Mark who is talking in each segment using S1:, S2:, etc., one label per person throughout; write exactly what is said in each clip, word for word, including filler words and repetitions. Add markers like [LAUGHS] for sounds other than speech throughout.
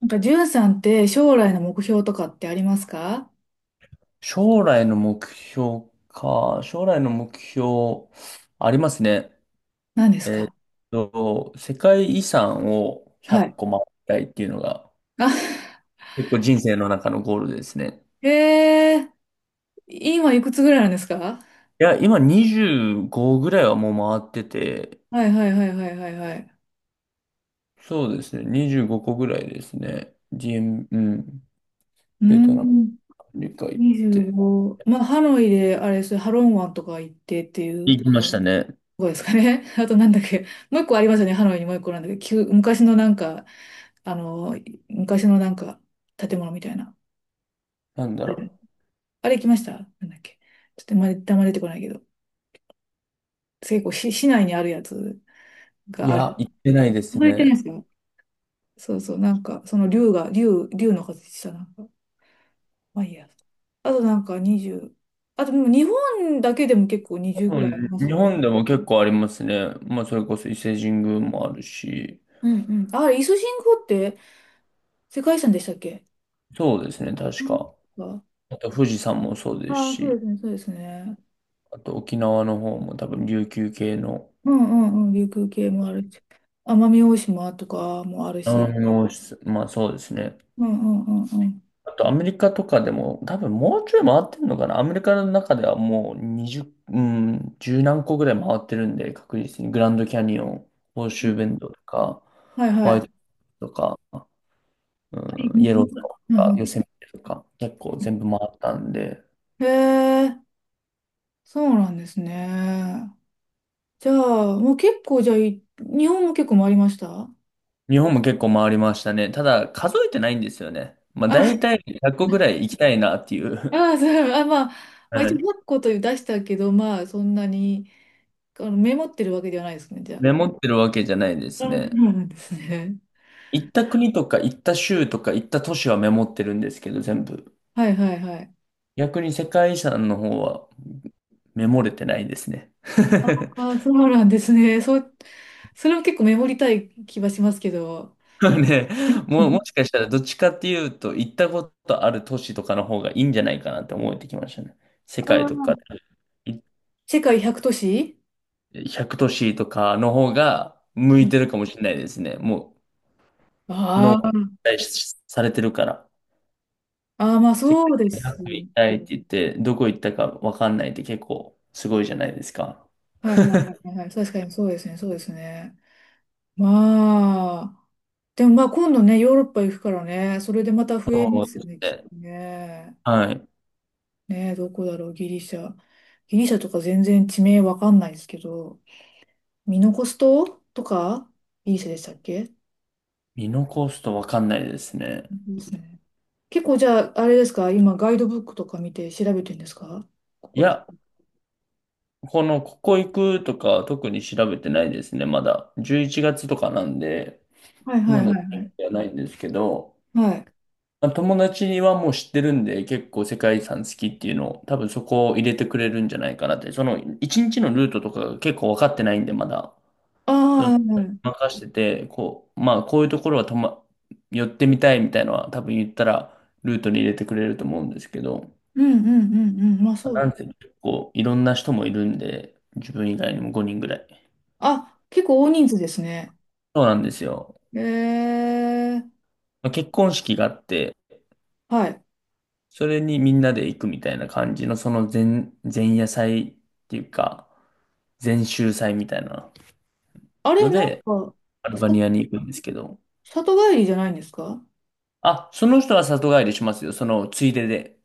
S1: なんか、じゅんさんって将来の目標とかってありますか？
S2: 将来の目標か。将来の目標、ありますね。
S1: 何です
S2: えーっ
S1: か？
S2: と、世界遺産を100
S1: はい。
S2: 個回りたいっていうのが、
S1: あ、
S2: 結構人生の中のゴールですね。
S1: えー、今いくつぐらいなんですか？
S2: いや、今にじゅうごぐらいはもう回ってて、
S1: はいはいはいはいはいはい。
S2: そうですね、にじゅうごこぐらいですね。ジン、うん、
S1: うー
S2: ベトナム、
S1: ん、
S2: アメリカ行って。
S1: にじゅうご。まあ、ハノイで、あれですね、ハロン湾とか行ってっていうと
S2: 行きましたね。
S1: こですかね。[LAUGHS] あとなんだっけ、もう一個ありますよね。ハノイにもう一個なんだっけ、旧昔のなんか、あの、昔のなんか、建物みたいな。
S2: なんだ
S1: うん、
S2: ろ
S1: あれ行きました？なんだっけ。ちょっとまだ、あんま出てこないけど。結構し市内にあるやつ
S2: う。い
S1: がある。
S2: や、行ってないです
S1: 覗いてるんで
S2: ね。
S1: すよ。そうそう、なんか、その竜が、竜、竜の形した、なんか、まあいいや。あとなんかにじゅう、あとでも日本だけでも結構にじゅうぐ
S2: う
S1: らいあり
S2: ん、
S1: ます
S2: 日
S1: よね。
S2: 本でも結構ありますね。まあ、それこそ伊勢神宮もあるし、
S1: うん、うん。ああれ、伊勢神宮って世界遺産でしたっけ？
S2: そうですね、
S1: う
S2: 確
S1: ん、
S2: か。
S1: あ
S2: あと富士山もそうです
S1: あ、そう
S2: し、
S1: ですね、そうですね。
S2: あと沖縄の方も多分琉球系の、
S1: うんうんうん、琉球系もあるし、奄美大島とかもある
S2: あ
S1: し。
S2: の、まあそうですね。
S1: うんうんうんうん。
S2: あとアメリカとかでも多分もうちょい回ってるのかな。アメリカの中ではもうにじゅう、うん、十何個ぐらい回ってるんで、確実にグランドキャニオン、ホーシューベンドとか、
S1: はいは
S2: ホワ
S1: い。
S2: イ
S1: は
S2: トとか、
S1: い、
S2: う
S1: う
S2: ん、イエロー
S1: ん、
S2: とか、
S1: う
S2: ヨ
S1: ん、
S2: セミテとか、結構全部回ったんで、
S1: へえ、そうなんですね。じゃあ、もう結構、じゃあ、い日本も結構回りました？
S2: 日本も結構回りましたね。ただ、数えてないんですよね。まあ、
S1: あ、
S2: 大
S1: [LAUGHS]
S2: 体ひゃっこぐらい行きたいなっていう。
S1: あ、そう、あ、まあ、
S2: [LAUGHS]
S1: まあ、
S2: は
S1: 一応いち
S2: い。
S1: ゼロという出したけど、まあ、そんなに、あの、メモってるわけではないですね、じゃ
S2: メモってるわけじゃないで
S1: あ。
S2: す
S1: [LAUGHS] あ、そう
S2: ね。
S1: なんですね。
S2: 行った国とか行った州とか行った都市はメモってるんですけど、全部。
S1: はいはいはい。
S2: 逆に世界遺産の方はメモれてないですね。
S1: あ、
S2: [LAUGHS]
S1: あ、そうなんですね。そう、それも結構メモりたい気はしますけど。
S2: ね、
S1: [LAUGHS] う
S2: もう、も
S1: ん、
S2: しかしたらどっちかっていうと、行ったことある都市とかの方がいいんじゃないかなって思えてきましたね。世
S1: あ
S2: 界とか
S1: ー、
S2: で。
S1: 世界ひゃく都市、
S2: ひゃく都市とかの方が向いてるかもしれないですね。もう、脳
S1: あ
S2: が
S1: あ
S2: 期
S1: ー、
S2: 待しされてるから。
S1: あー、まあ
S2: 世
S1: そう
S2: 界
S1: で
S2: で
S1: す。
S2: ひゃく行きたいって言って、どこ行ったかわかんないって結構すごいじゃないですか。
S1: はいはいはいはい。確かにそうですね、そうですね。まあ、でもまあ今度ね、ヨーロッパ行くからね、それでまた増え
S2: そ
S1: ま
S2: う
S1: す
S2: で
S1: よ
S2: す
S1: ね、きっ
S2: ね。
S1: とね。
S2: はい。
S1: ねえ、どこだろう、ギリシャ。ギリシャとか全然地名わかんないですけど、ミノコス島とか、ギリシャでしたっけ？そ
S2: 見残すとわかんないですね。
S1: うですね。結構じゃあ、あれですか、今ガイドブックとか見て調べてるんですか？こ
S2: い
S1: こい。
S2: や、この、ここ行くとか特に調べてないですね、まだ。じゅういちがつとかなんで、
S1: はいは
S2: ま
S1: い
S2: だ
S1: は
S2: 調べ
S1: い
S2: てはないんですけど、
S1: はい。はい。
S2: まあ友達にはもう知ってるんで、結構世界遺産好きっていうのを、多分そこを入れてくれるんじゃないかなって。その、一日のルートとかが結構分かってないんで、まだ。
S1: ああ、はいはい、うん、
S2: 任してて、こう、まあ、こういうところはとま、寄ってみたいみたいなのは、多分言ったら、ルートに入れてくれると思うんですけど、
S1: うんうんうん、まあそ
S2: な
S1: う。
S2: んせ結構いろんな人もいるんで、自分以外にもごにんぐらい。
S1: あ、結構大人数ですね。
S2: そうなんですよ。
S1: えー、
S2: まあ結婚式があって、
S1: はい。
S2: それにみんなで行くみたいな感じの、その前、前夜祭っていうか、禅宗祭みたいな
S1: あ
S2: の
S1: れ、なん
S2: で、
S1: か、
S2: アルバニ
S1: さ、
S2: アに行くんですけど、
S1: 里帰りじゃないんですか？
S2: あ、その人は里帰りしますよ、そのついでで。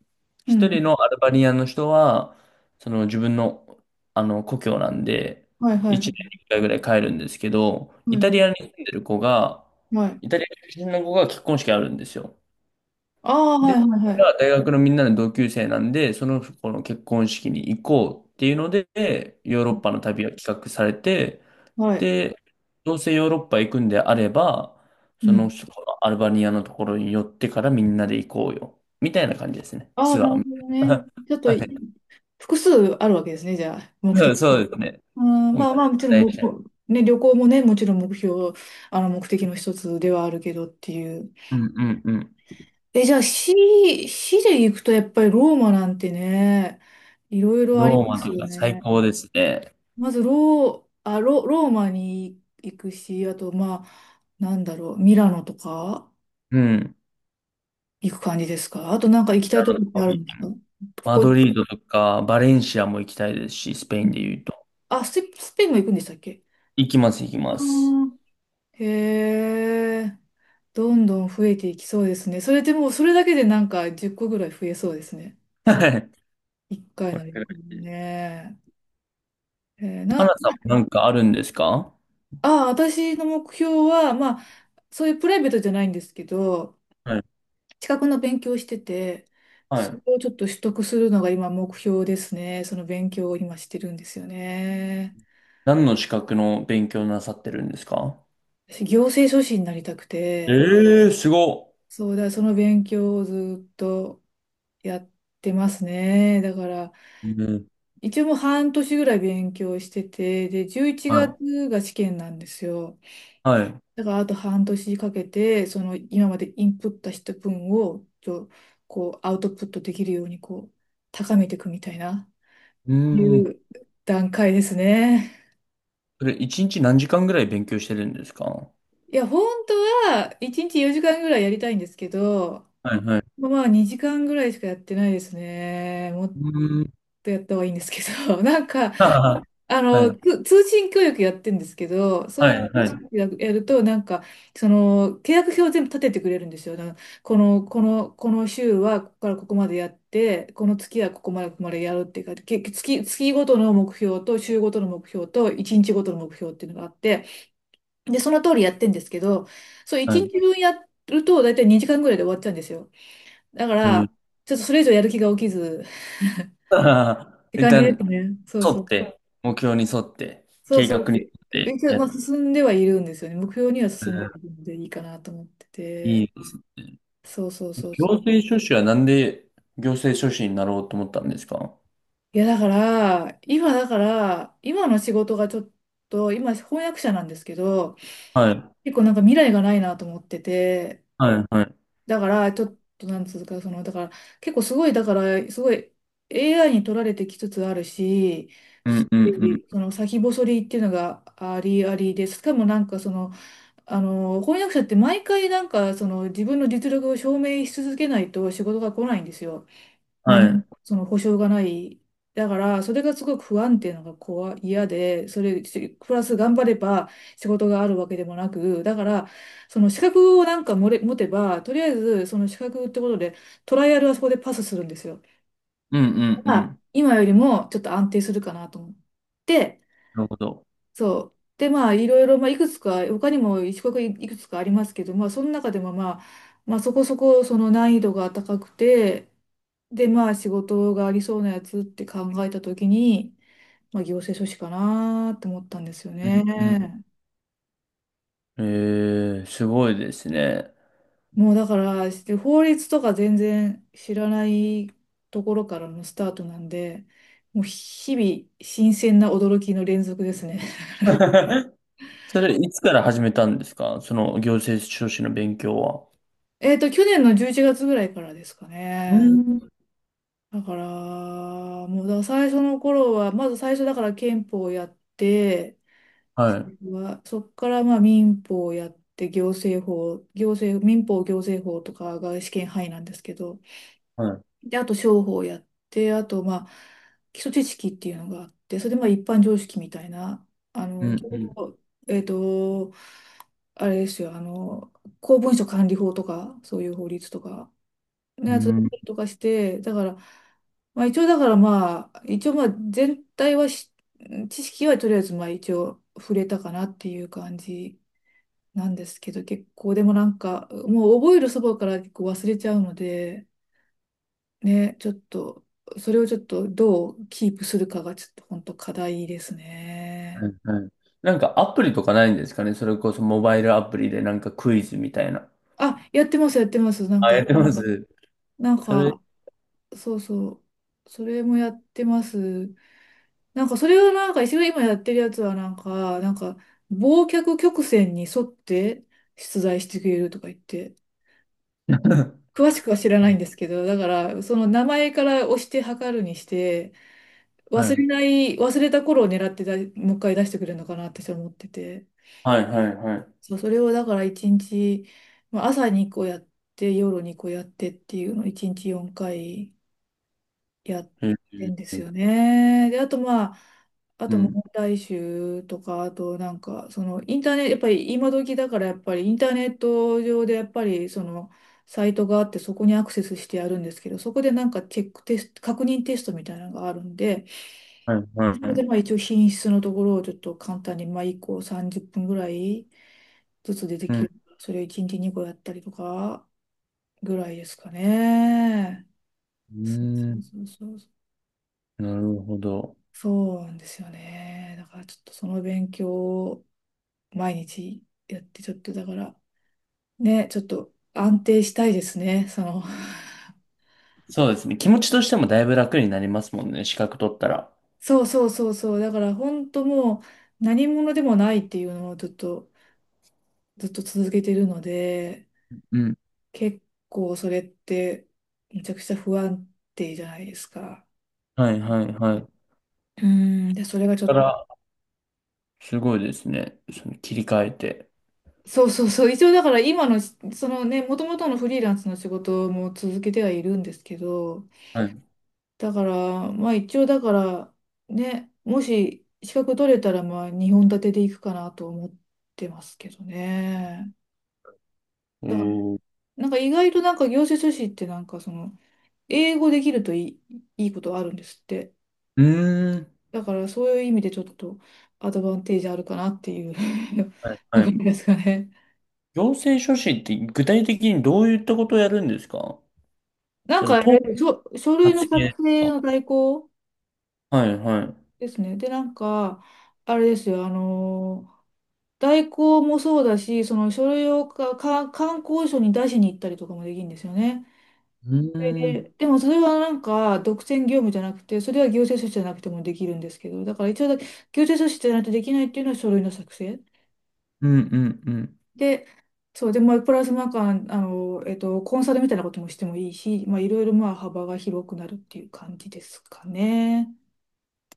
S1: う
S2: 一人
S1: ん。
S2: のアルバニアの人は、その自分の、あの故郷なんで、
S1: はいはいは
S2: 一
S1: い。
S2: 年に一回ぐらい帰るんですけど、
S1: は
S2: イ
S1: い
S2: タリ
S1: は
S2: アに住んでる子が、
S1: い。はい。
S2: イタリア出身の子が結婚式あるんですよ。
S1: ああ、はい
S2: で、
S1: はい
S2: そ
S1: は
S2: れ
S1: い。
S2: は大学のみんなの同級生なんで、その子の結婚式に行こうっていうので、ヨーロッパの旅が企画されて、
S1: はい。
S2: で、どうせヨーロッパ行くんであれば、
S1: う
S2: その、
S1: ん。
S2: そこのアルバニアのところに寄ってからみんなで行こうよ。みたいな感じですね。
S1: ああ、
S2: ツア
S1: なるほ
S2: ー。
S1: どね。
S2: [LAUGHS]
S1: ちょっと
S2: は
S1: い、
S2: い。
S1: 複数あるわけですね、じゃあ、目
S2: そう
S1: 的
S2: そ
S1: が。
S2: うですね。
S1: うん、
S2: もう
S1: まあまあ、もちろん
S2: 大
S1: も
S2: 事。
S1: う、ね、旅行もね、もちろん目標、あの、目的の一つではあるけどっていう。
S2: うんうんうん。
S1: え、じゃあ、市、市で行くとやっぱりローマなんてね、いろいろあり
S2: ロー
S1: ま
S2: マ
S1: す
S2: と
S1: よ
S2: か最
S1: ね。
S2: 高ですね。
S1: まずロー、あ、ロ、ローマに行くし、あと、まあ、なんだろう、ミラノとか
S2: うん。
S1: 行く感じですか？あとなんか行きた
S2: な
S1: いとこ
S2: る
S1: っ
S2: ほ
S1: て
S2: ど。
S1: あるんですか？こ
S2: マ
S1: こ、
S2: ドリードとかバレンシアも行きたいですし、スペインで言うと。
S1: あ、スペ、スペインも行くんでしたっけ？
S2: 行きます、行き
S1: あ
S2: ます。
S1: ー、へえ、どんどん増えていきそうですね。それでもうそれだけでなんかじゅっこぐらい増えそうですね。その
S2: はい。
S1: いっかい
S2: これ
S1: の旅
S2: く
S1: 行
S2: らい。
S1: ね。えー
S2: 花
S1: な、
S2: さんもなんかあるんですか？
S1: あ、私の目標は、まあ、そういうプライベートじゃないんですけど、
S2: はい。
S1: 資格の勉強をしてて、
S2: は
S1: それ
S2: い。
S1: をちょっと取得するのが今目標ですね。その勉強を今してるんですよね。
S2: 何の資格の勉強なさってるんですか？
S1: 私、行政書士になりたくて、
S2: ええ、すごっ。
S1: そうだ、その勉強をずっとやってますね。だから、
S2: うん。
S1: 一応もう半年ぐらい勉強してて、で、じゅういちがつが
S2: は
S1: つが試験なんですよ。
S2: い。はい。
S1: だから、あと半年かけて、その今までインプットした分を、ちょこう、アウトプットできるように、こう、高めていくみたいな。
S2: う
S1: い
S2: ん。
S1: う段階ですね。
S2: それ、一日何時間ぐらい勉強してるんですか？は
S1: いや、本当はいちにちよじかんぐらいやりたいんですけど、
S2: いはい。
S1: まあまあにじかんぐらいしかやってないですね。もっ
S2: うん。
S1: とやった方がいいんですけど、[LAUGHS] なんか、
S2: は
S1: あ
S2: い。は
S1: の、
S2: い。
S1: つ通信教育やってるんですけど、そ
S2: は
S1: ういう
S2: いはい。
S1: やると、なんか、その、契約表を全部立ててくれるんですよ。なんかこの、この、この週はここからここまでやって、この月はここまで、ここまでやるっていうか、け月、月ごとの目標と、週ごとの目標と、いちにちごとの目標っていうのがあって、で、その通りやってんですけど、そう、1
S2: はい。
S1: 日分やると、だいたいにじかんぐらいで終わっちゃうんですよ。だか
S2: う
S1: ら、
S2: ん。
S1: ちょっとそれ以上やる気が起きず、っ
S2: [LAUGHS] ははは
S1: て
S2: 一
S1: 感じで
S2: 旦、
S1: すね。そう
S2: 沿
S1: そ
S2: っ
S1: う。
S2: て、目標に沿って、
S1: そう
S2: 計
S1: そ
S2: 画
S1: う。
S2: に沿って
S1: 一応、
S2: やっ
S1: まあ、
S2: て。
S1: 進んではいるんですよね。目標には
S2: う
S1: 進んで
S2: ん。
S1: はいるのでいいかなと思って
S2: いい
S1: て。
S2: ですね。
S1: そうそうそう
S2: 行
S1: そう。
S2: 政書士はなんで行政書士になろうと思ったんですか？
S1: いや、だから、今だから、今の仕事がちょっと、今翻訳者なんですけど、
S2: はい。
S1: 結構なんか未来がないなと思ってて、
S2: はいはい。
S1: だから、ちょっと、なんつうか、その、だから、結構すごい、だから、すごい エーアイ に取られてきつつあるし、
S2: う
S1: す
S2: んう
S1: ご
S2: んうん。
S1: い、その先細りっていうのがありありで、しかもなんかその、あの、翻訳者って毎回なんか、その自分の実力を証明し続けないと仕事が来ないんですよ。
S2: は
S1: 何も
S2: い。
S1: その保証がない。だから、それがすごく不安定なのが怖い、嫌で、それ、しプラス頑張れば仕事があるわけでもなく、だから、その資格をなんかもれ持てば、とりあえず、その資格ってことで、トライアルはそこでパスするんですよ。
S2: うんうんう
S1: まあ、
S2: ん。
S1: 今よりもちょっと安定するかなと思って、
S2: なるほど。
S1: そう。で、まあ、いろいろ、まあ、いくつか、他にも一国いくつかありますけど、まあ、その中でも、まあ、まあ、そこそこ、その難易度が高くて、で、まあ、仕事がありそうなやつって考えたときに、まあ、行政書士かなって思ったんですよ
S2: うんうん。
S1: ね。
S2: ええ、すごいですね。
S1: もう、だから、して法律とか全然知らないところからのスタートなんで、もう、日々、新鮮な驚きの連続ですね。
S2: [LAUGHS] それ、いつから始めたんですかその行政書士の勉強は。
S1: [LAUGHS] えっと、去年のじゅういちがつぐらいからですか
S2: う
S1: ね。
S2: ん。
S1: だから、もうだから最初の頃は、まず最初だから憲法をやって、
S2: はい。
S1: そこからまあ民法をやって、行政法、行政、民法行政法とかが試験範囲なんですけど、
S2: はい。
S1: で、あと商法をやって、あとまあ基礎知識っていうのがあって、それでまあ一般常識みたいな、あ
S2: う
S1: の、
S2: ん、
S1: 情
S2: うん、
S1: 報えっと、あれですよ、あの、公文書管理法とか、そういう法律とか、ね、
S2: う
S1: やつだっ
S2: ん。
S1: たりとかして、だから、まあ一応だからまあ、一応まあ全体はし、知識はとりあえずまあ一応触れたかなっていう感じなんですけど、結構でもなんか、もう覚えるそばから結構忘れちゃうので、ね、ちょっと、それをちょっとどうキープするかがちょっと本当課題です
S2: は
S1: ね。
S2: いはい。なんかアプリとかないんですかね？それこそモバイルアプリでなんかクイズみたいな。
S1: あ、やってます、やってます。なん
S2: あ、
S1: か、
S2: やってます？
S1: なん
S2: それ、
S1: か、そうそう。それもやってます。なんかそれをなんか一応今やってるやつはなんか、なんか、忘却曲線に沿って出題してくれるとか言って、詳しくは知らないんです
S2: [LAUGHS]
S1: けど、だからその名前から押して測るにして、
S2: は
S1: 忘
S2: い。
S1: れない、忘れた頃を狙ってだ、もう一回出してくれるのかなって私は思ってて、
S2: はい、はい、はい。
S1: そう、それをだから一日、まあ、朝にこ個やって、夜にこ個やってっていうのを一日よんかい。やっ
S2: え
S1: てんで
S2: ー。
S1: すよね。で、あとまあ、あ
S2: う
S1: と問
S2: ん。
S1: 題集とか、あとなんか、そのインターネット、やっぱり今時だからやっぱりインターネット上でやっぱりそのサイトがあってそこにアクセスしてやるんですけど、そこでなんかチェックテスト、確認テストみたいなのがあるんで、
S2: はい、は
S1: そ
S2: い。
S1: こ
S2: は
S1: でまあ
S2: い。
S1: 一応品質のところをちょっと簡単にまあいっこさんじゅっぷんぐらいずつ出て
S2: う
S1: き
S2: ん。
S1: る。それをいちにちにこやったりとかぐらいですかね。
S2: う
S1: そう
S2: ん。
S1: そうそうそう。
S2: なるほど。
S1: そうなんですよね。だからちょっとその勉強を毎日やって、ちょっとだから、ね、ちょっと安定したいですね。その、
S2: そうですね。気持ちとしてもだいぶ楽になりますもんね。資格取ったら。
S1: [LAUGHS] そうそうそうそう。だから本当もう何者でもないっていうのをずっと、ずっと続けてるので、
S2: うん。
S1: 結構それってめちゃくちゃ不安定じゃないですか。
S2: はいはいはい。
S1: うん。で、それがちょっ
S2: だ
S1: と、
S2: から、すごいですね。その切り替えて。
S1: そうそうそう。一応だから今の、そのね、もともとのフリーランスの仕事も続けてはいるんですけど、
S2: はい。
S1: だから、まあ一応だから、ね、もし資格取れたら、まあにほん立てでいくかなと思ってますけどね。
S2: え
S1: だから、
S2: ー、
S1: なんか意外となんか行政書士ってなんかその、英語できるといい、いいことあるんですって。
S2: うーん。
S1: だからそういう意味でちょっとアドバンテージあるかなっていう
S2: はい
S1: [LAUGHS] と
S2: は
S1: ころ
S2: い。
S1: ですかね。
S2: 行政書士って具体的にどういったことをやるんですか？
S1: なん
S2: そ
S1: か
S2: の
S1: あ
S2: 党の
S1: れ、書、書類の
S2: 発
S1: 作
S2: 言
S1: 成
S2: と
S1: の代行
S2: か。はいはい。う
S1: ですね。で、なんか、あれですよ、あの代行もそうだし、その書類をか、か、観光所に出しに行ったりとかもできるんですよね。
S2: ー
S1: それで、
S2: ん。
S1: でもそれはなんか独占業務じゃなくて、それは行政書士じゃなくてもできるんですけど、だから一応だ、行政書士じゃないとできないっていうのは書類の作成。
S2: うんうんうん
S1: で、そう、で、まあ、プラスなんか、あの、えっと、コンサルみたいなこともしてもいいし、まあ、いろいろまあ幅が広くなるっていう感じですかね。